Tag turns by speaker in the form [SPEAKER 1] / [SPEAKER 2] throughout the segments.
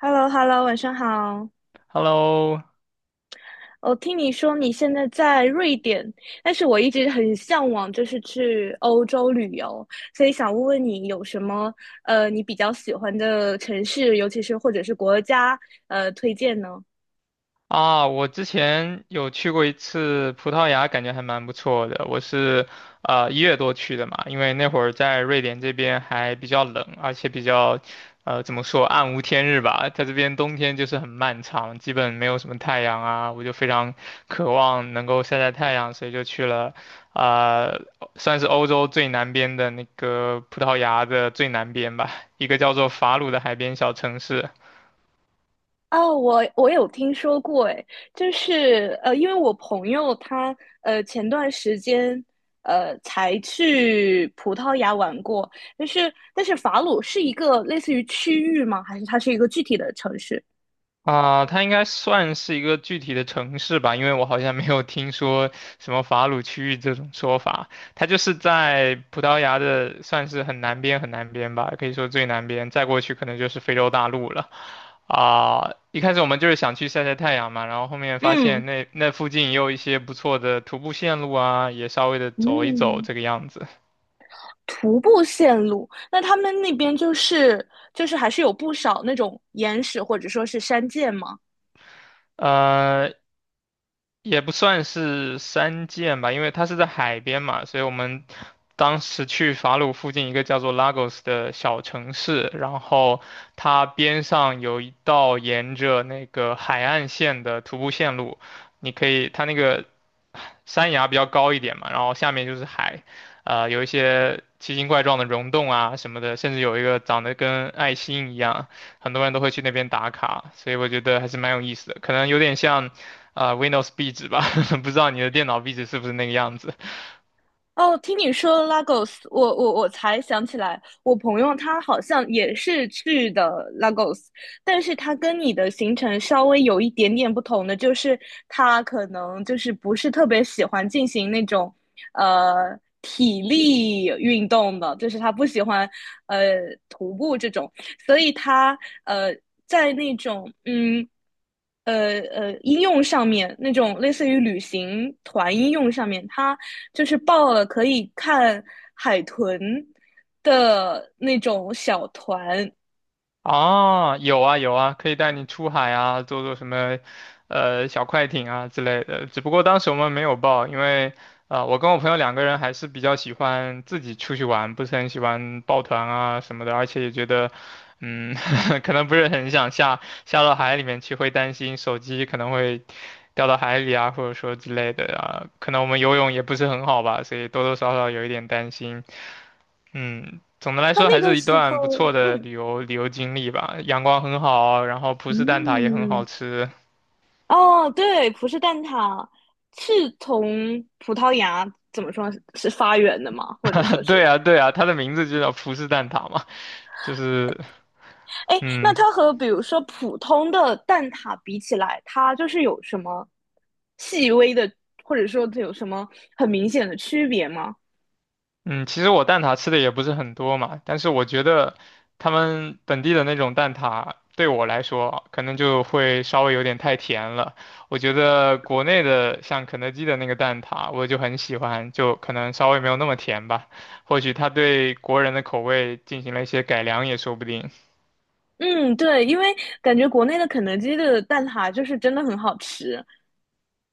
[SPEAKER 1] h e l l o h e l l o 晚上好。
[SPEAKER 2] Hello，
[SPEAKER 1] 我听你说你现在在瑞典，但是我一直很向往，就是去欧洲旅游，所以想问问你有什么你比较喜欢的城市，尤其是或者是国家推荐呢？
[SPEAKER 2] 啊，我之前有去过一次葡萄牙，感觉还蛮不错的。我是一月多去的嘛，因为那会儿在瑞典这边还比较冷，而且比较怎么说暗无天日吧，在这边冬天就是很漫长，基本没有什么太阳啊，我就非常渴望能够晒晒太阳，所以就去了呃算是欧洲最南边的那个葡萄牙的最南边吧，一个叫做法鲁的海边小城市。
[SPEAKER 1] 哦，我有听说过，诶，就是因为我朋友他前段时间才去葡萄牙玩过，但是法鲁是一个类似于区域吗？还是它是一个具体的城市？
[SPEAKER 2] 啊，它应该算是一个具体的城市吧，因为我好像没有听说什么法鲁区域这种说法。它就是在葡萄牙的，算是很南边很南边吧，可以说最南边，再过去可能就是非洲大陆了。啊，一开始我们就是想去晒晒太阳嘛，然后后面发
[SPEAKER 1] 嗯。
[SPEAKER 2] 现那附近也有一些不错的徒步线路啊，也稍微的走一走
[SPEAKER 1] 嗯，
[SPEAKER 2] 这个样子。
[SPEAKER 1] 徒步线路，那他们那边就是还是有不少那种岩石或者说是山涧吗？
[SPEAKER 2] 呃，也不算是山涧吧，因为它是在海边嘛，所以我们当时去法鲁附近一个叫做 Lagos 的小城市，然后它边上有一道沿着那个海岸线的徒步线路，你可以，它那个山崖比较高一点嘛，然后下面就是海，有一些奇形怪状的溶洞啊什么的，甚至有一个长得跟爱心一样，很多人都会去那边打卡，所以我觉得还是蛮有意思的，可能有点像。啊、w i n d o w s 壁纸吧，不知道你的电脑壁纸是不是那个样子。
[SPEAKER 1] 哦，听你说 Lagos，我才想起来，我朋友他好像也是去的 Lagos，但是他跟你的行程稍微有一点点不同的，就是他可能就是不是特别喜欢进行那种体力运动的，就是他不喜欢呃徒步这种，所以他呃在那种应用上面那种类似于旅行团应用上面，它就是报了可以看海豚的那种小团。
[SPEAKER 2] 啊？有啊有啊，可以带你出海啊，坐坐什么小快艇啊之类的。只不过当时我们没有报，因为啊、我跟我朋友两个人还是比较喜欢自己出去玩，不是很喜欢抱团啊什么的，而且也觉得。嗯，可能不是很想下到海里面去，会担心手机可能会掉到海里啊，或者说之类的啊。可能我们游泳也不是很好吧，所以多多少少有一点担心。嗯，总的来
[SPEAKER 1] 那
[SPEAKER 2] 说
[SPEAKER 1] 那
[SPEAKER 2] 还
[SPEAKER 1] 个
[SPEAKER 2] 是一
[SPEAKER 1] 时
[SPEAKER 2] 段不
[SPEAKER 1] 候，
[SPEAKER 2] 错的
[SPEAKER 1] 嗯。
[SPEAKER 2] 旅游经历吧。阳光很好，然后葡式蛋挞也很好
[SPEAKER 1] 嗯，
[SPEAKER 2] 吃。
[SPEAKER 1] 哦，对，葡式蛋挞是从葡萄牙怎么说是发源的吗？或者说
[SPEAKER 2] 对
[SPEAKER 1] 是？
[SPEAKER 2] 啊，对啊，它的名字就叫葡式蛋挞嘛，就是。
[SPEAKER 1] 哎，那
[SPEAKER 2] 嗯，
[SPEAKER 1] 它和比如说普通的蛋挞比起来，它就是有什么细微的，或者说它有什么很明显的区别吗？
[SPEAKER 2] 嗯，其实我蛋挞吃的也不是很多嘛，但是我觉得他们本地的那种蛋挞对我来说可能就会稍微有点太甜了。我觉得国内的像肯德基的那个蛋挞，我就很喜欢，就可能稍微没有那么甜吧。或许他对国人的口味进行了一些改良也说不定。
[SPEAKER 1] 嗯，对，因为感觉国内的肯德基的蛋挞就是真的很好吃。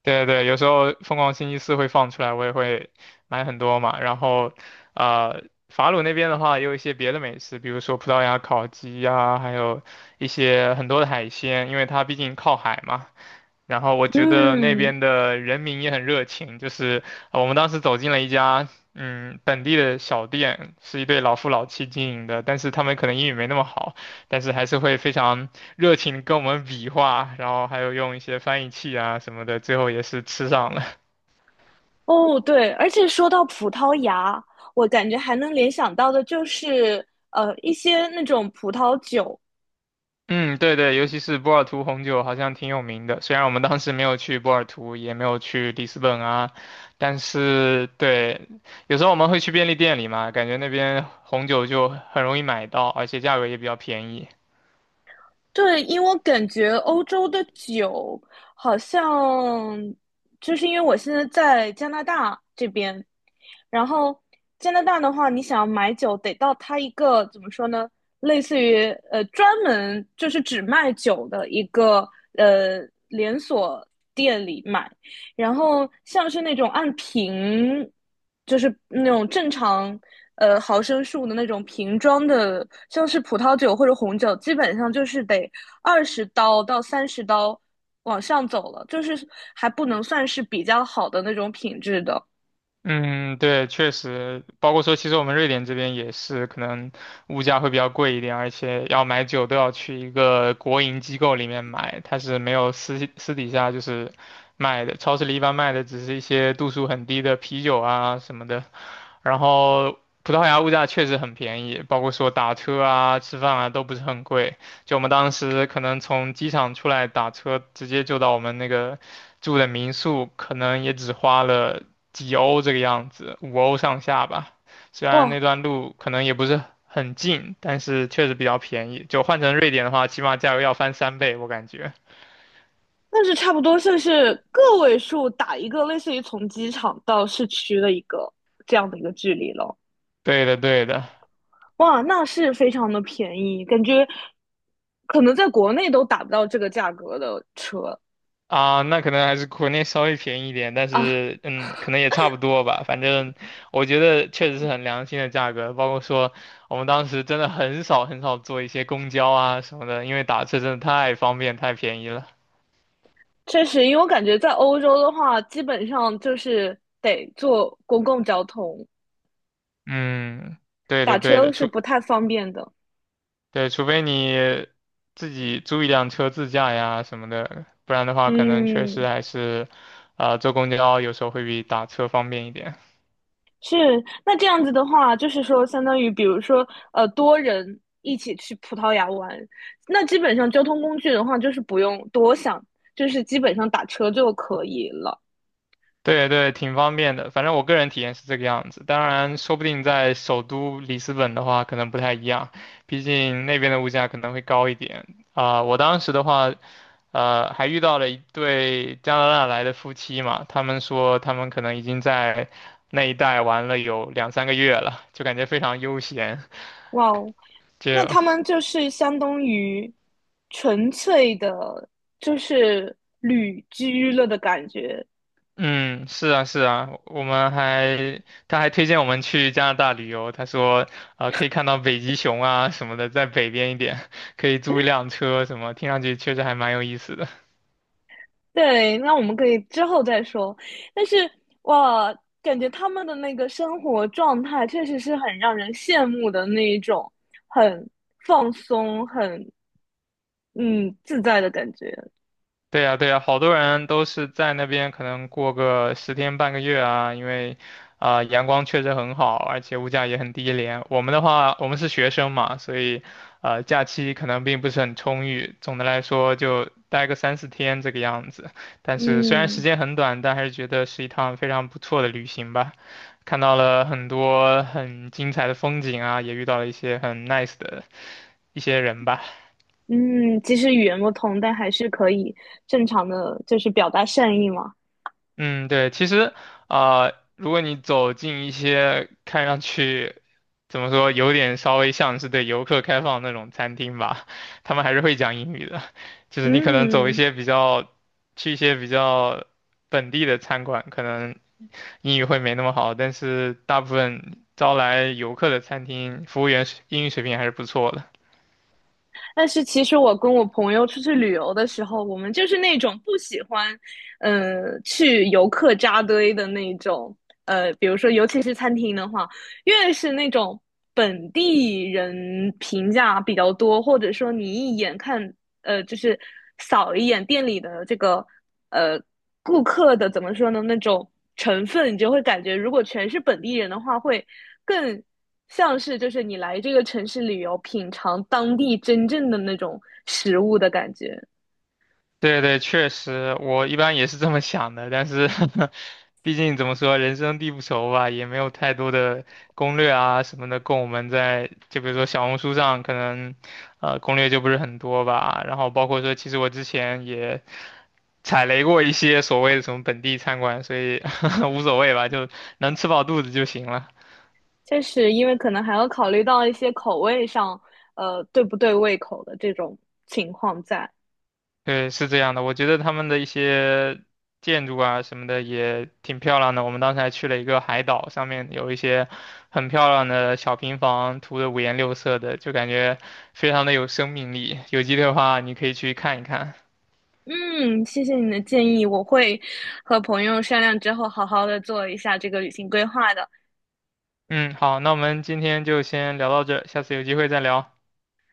[SPEAKER 2] 对对，有时候疯狂星期四会放出来，我也会买很多嘛。然后，呃，法鲁那边的话也有一些别的美食，比如说葡萄牙烤鸡呀、还有一些很多的海鲜，因为它毕竟靠海嘛。然后我觉得那
[SPEAKER 1] 嗯，
[SPEAKER 2] 边的人民也很热情，就是我们当时走进了一家本地的小店，是一对老夫老妻经营的，但是他们可能英语没那么好，但是还是会非常热情地跟我们比划，然后还有用一些翻译器啊什么的，最后也是吃上了。
[SPEAKER 1] 哦，对，而且说到葡萄牙，我感觉还能联想到的就是一些那种葡萄酒，
[SPEAKER 2] 嗯，对对，尤其是波尔图红酒好像挺有名的，虽然我们当时没有去波尔图，也没有去里斯本啊，但是对，有时候我们会去便利店里嘛，感觉那边红酒就很容易买到，而且价格也比较便宜。
[SPEAKER 1] 对，因为我感觉欧洲的酒好像，就是因为我现在在加拿大这边，然后加拿大的话，你想要买酒，得到它一个怎么说呢，类似于专门就是只卖酒的一个呃连锁店里买，然后像是那种按瓶就是那种正常毫升数的那种瓶装的，像是葡萄酒或者红酒，基本上就是得20刀到30刀往上走了，就是还不能算是比较好的那种品质的。
[SPEAKER 2] 嗯，对，确实，包括说，其实我们瑞典这边也是，可能物价会比较贵一点，而且要买酒都要去一个国营机构里面买，它是没有私底下就是卖的，超市里一般卖的只是一些度数很低的啤酒啊什么的。然后葡萄牙物价确实很便宜，包括说打车啊、吃饭啊都不是很贵。就我们当时可能从机场出来打车，直接就到我们那个住的民宿，可能也只花了几欧这个样子，五欧上下吧。虽然那
[SPEAKER 1] 哇，
[SPEAKER 2] 段路可能也不是很近，但是确实比较便宜。就换成瑞典的话，起码价格要翻三倍，我感觉。
[SPEAKER 1] 那是差不多算是个位数打一个类似于从机场到市区的一个这样的一个距离了。
[SPEAKER 2] 对的，对的。
[SPEAKER 1] 哇，那是非常的便宜，感觉可能在国内都打不到这个价格的车
[SPEAKER 2] 啊，那可能还是国内稍微便宜一点，但
[SPEAKER 1] 啊。
[SPEAKER 2] 是可能也差不多吧。反正我觉得确实是很良心的价格，包括说我们当时真的很少很少坐一些公交啊什么的，因为打车真的太方便太便宜了。
[SPEAKER 1] 确实，因为我感觉在欧洲的话，基本上就是得坐公共交通，
[SPEAKER 2] 嗯，对的
[SPEAKER 1] 打
[SPEAKER 2] 对
[SPEAKER 1] 车
[SPEAKER 2] 的，
[SPEAKER 1] 是不太方便的。
[SPEAKER 2] 对，除非你自己租一辆车自驾呀什么的，不然的话可能确实
[SPEAKER 1] 嗯，
[SPEAKER 2] 还是坐公交有时候会比打车方便一点。
[SPEAKER 1] 是。那这样子的话，就是说，相当于比如说，呃，多人一起去葡萄牙玩，那基本上交通工具的话，就是不用多想，就是基本上打车就可以了。
[SPEAKER 2] 对对，挺方便的。反正我个人体验是这个样子，当然，说不定在首都里斯本的话，可能不太一样，毕竟那边的物价可能会高一点。啊、我当时的话，还遇到了一对加拿大来的夫妻嘛，他们说他们可能已经在那一带玩了有两三个月了，就感觉非常悠闲，
[SPEAKER 1] 哇哦，那
[SPEAKER 2] 就
[SPEAKER 1] 他们就是相当于纯粹的，就是旅居了的感觉。
[SPEAKER 2] 嗯，是啊，是啊，我们还，他还推荐我们去加拿大旅游，他说，可以看到北极熊啊什么的，在北边一点，可以租一辆车什么，听上去确实还蛮有意思的。
[SPEAKER 1] 对，那我们可以之后再说。但是哇，感觉他们的那个生活状态确实是很让人羡慕的那一种，很放松、很嗯自在的感觉。
[SPEAKER 2] 对呀，对呀，好多人都是在那边可能过个十天半个月啊，因为啊、阳光确实很好，而且物价也很低廉。我们的话，我们是学生嘛，所以假期可能并不是很充裕，总的来说就待个三四天这个样子。但是虽然时
[SPEAKER 1] 嗯。
[SPEAKER 2] 间很短，但还是觉得是一趟非常不错的旅行吧。看到了很多很精彩的风景啊，也遇到了一些很 nice 的一些人吧。
[SPEAKER 1] 嗯，其实语言不通，但还是可以正常的，就是表达善意嘛。
[SPEAKER 2] 嗯，对，其实啊、如果你走进一些看上去怎么说，有点稍微像是对游客开放的那种餐厅吧，他们还是会讲英语的。就是你可能走一
[SPEAKER 1] 嗯。
[SPEAKER 2] 些比较，去一些比较本地的餐馆，可能英语会没那么好，但是大部分招来游客的餐厅，服务员英语水平还是不错的。
[SPEAKER 1] 但是其实我跟我朋友出去旅游的时候，我们就是那种不喜欢，嗯，去游客扎堆的那种，呃，比如说尤其是餐厅的话，越是那种本地人评价比较多，或者说你一眼看，呃，就是扫一眼店里的这个，呃，顾客的怎么说呢那种成分，你就会感觉如果全是本地人的话，会更像是就是你来这个城市旅游，品尝当地真正的那种食物的感觉。
[SPEAKER 2] 对对，确实，我一般也是这么想的，但是 毕竟怎么说，人生地不熟吧，也没有太多的攻略啊什么的供我们在，就比如说小红书上可能，攻略就不是很多吧。然后包括说，其实我之前也踩雷过一些所谓的什么本地餐馆，所以 无所谓吧，就能吃饱肚子就行了。
[SPEAKER 1] 确实，因为可能还要考虑到一些口味上，呃，对不对胃口的这种情况在。
[SPEAKER 2] 对，是这样的，我觉得他们的一些建筑啊什么的也挺漂亮的。我们当时还去了一个海岛，上面有一些很漂亮的小平房，涂的五颜六色的，就感觉非常的有生命力。有机会的话，你可以去看一看。
[SPEAKER 1] 嗯，谢谢你的建议，我会和朋友商量之后，好好的做一下这个旅行规划的。
[SPEAKER 2] 嗯，好，那我们今天就先聊到这儿下次有机会再聊。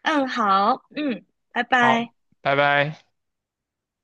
[SPEAKER 1] 嗯，好，嗯，拜
[SPEAKER 2] 好，
[SPEAKER 1] 拜。
[SPEAKER 2] 拜拜。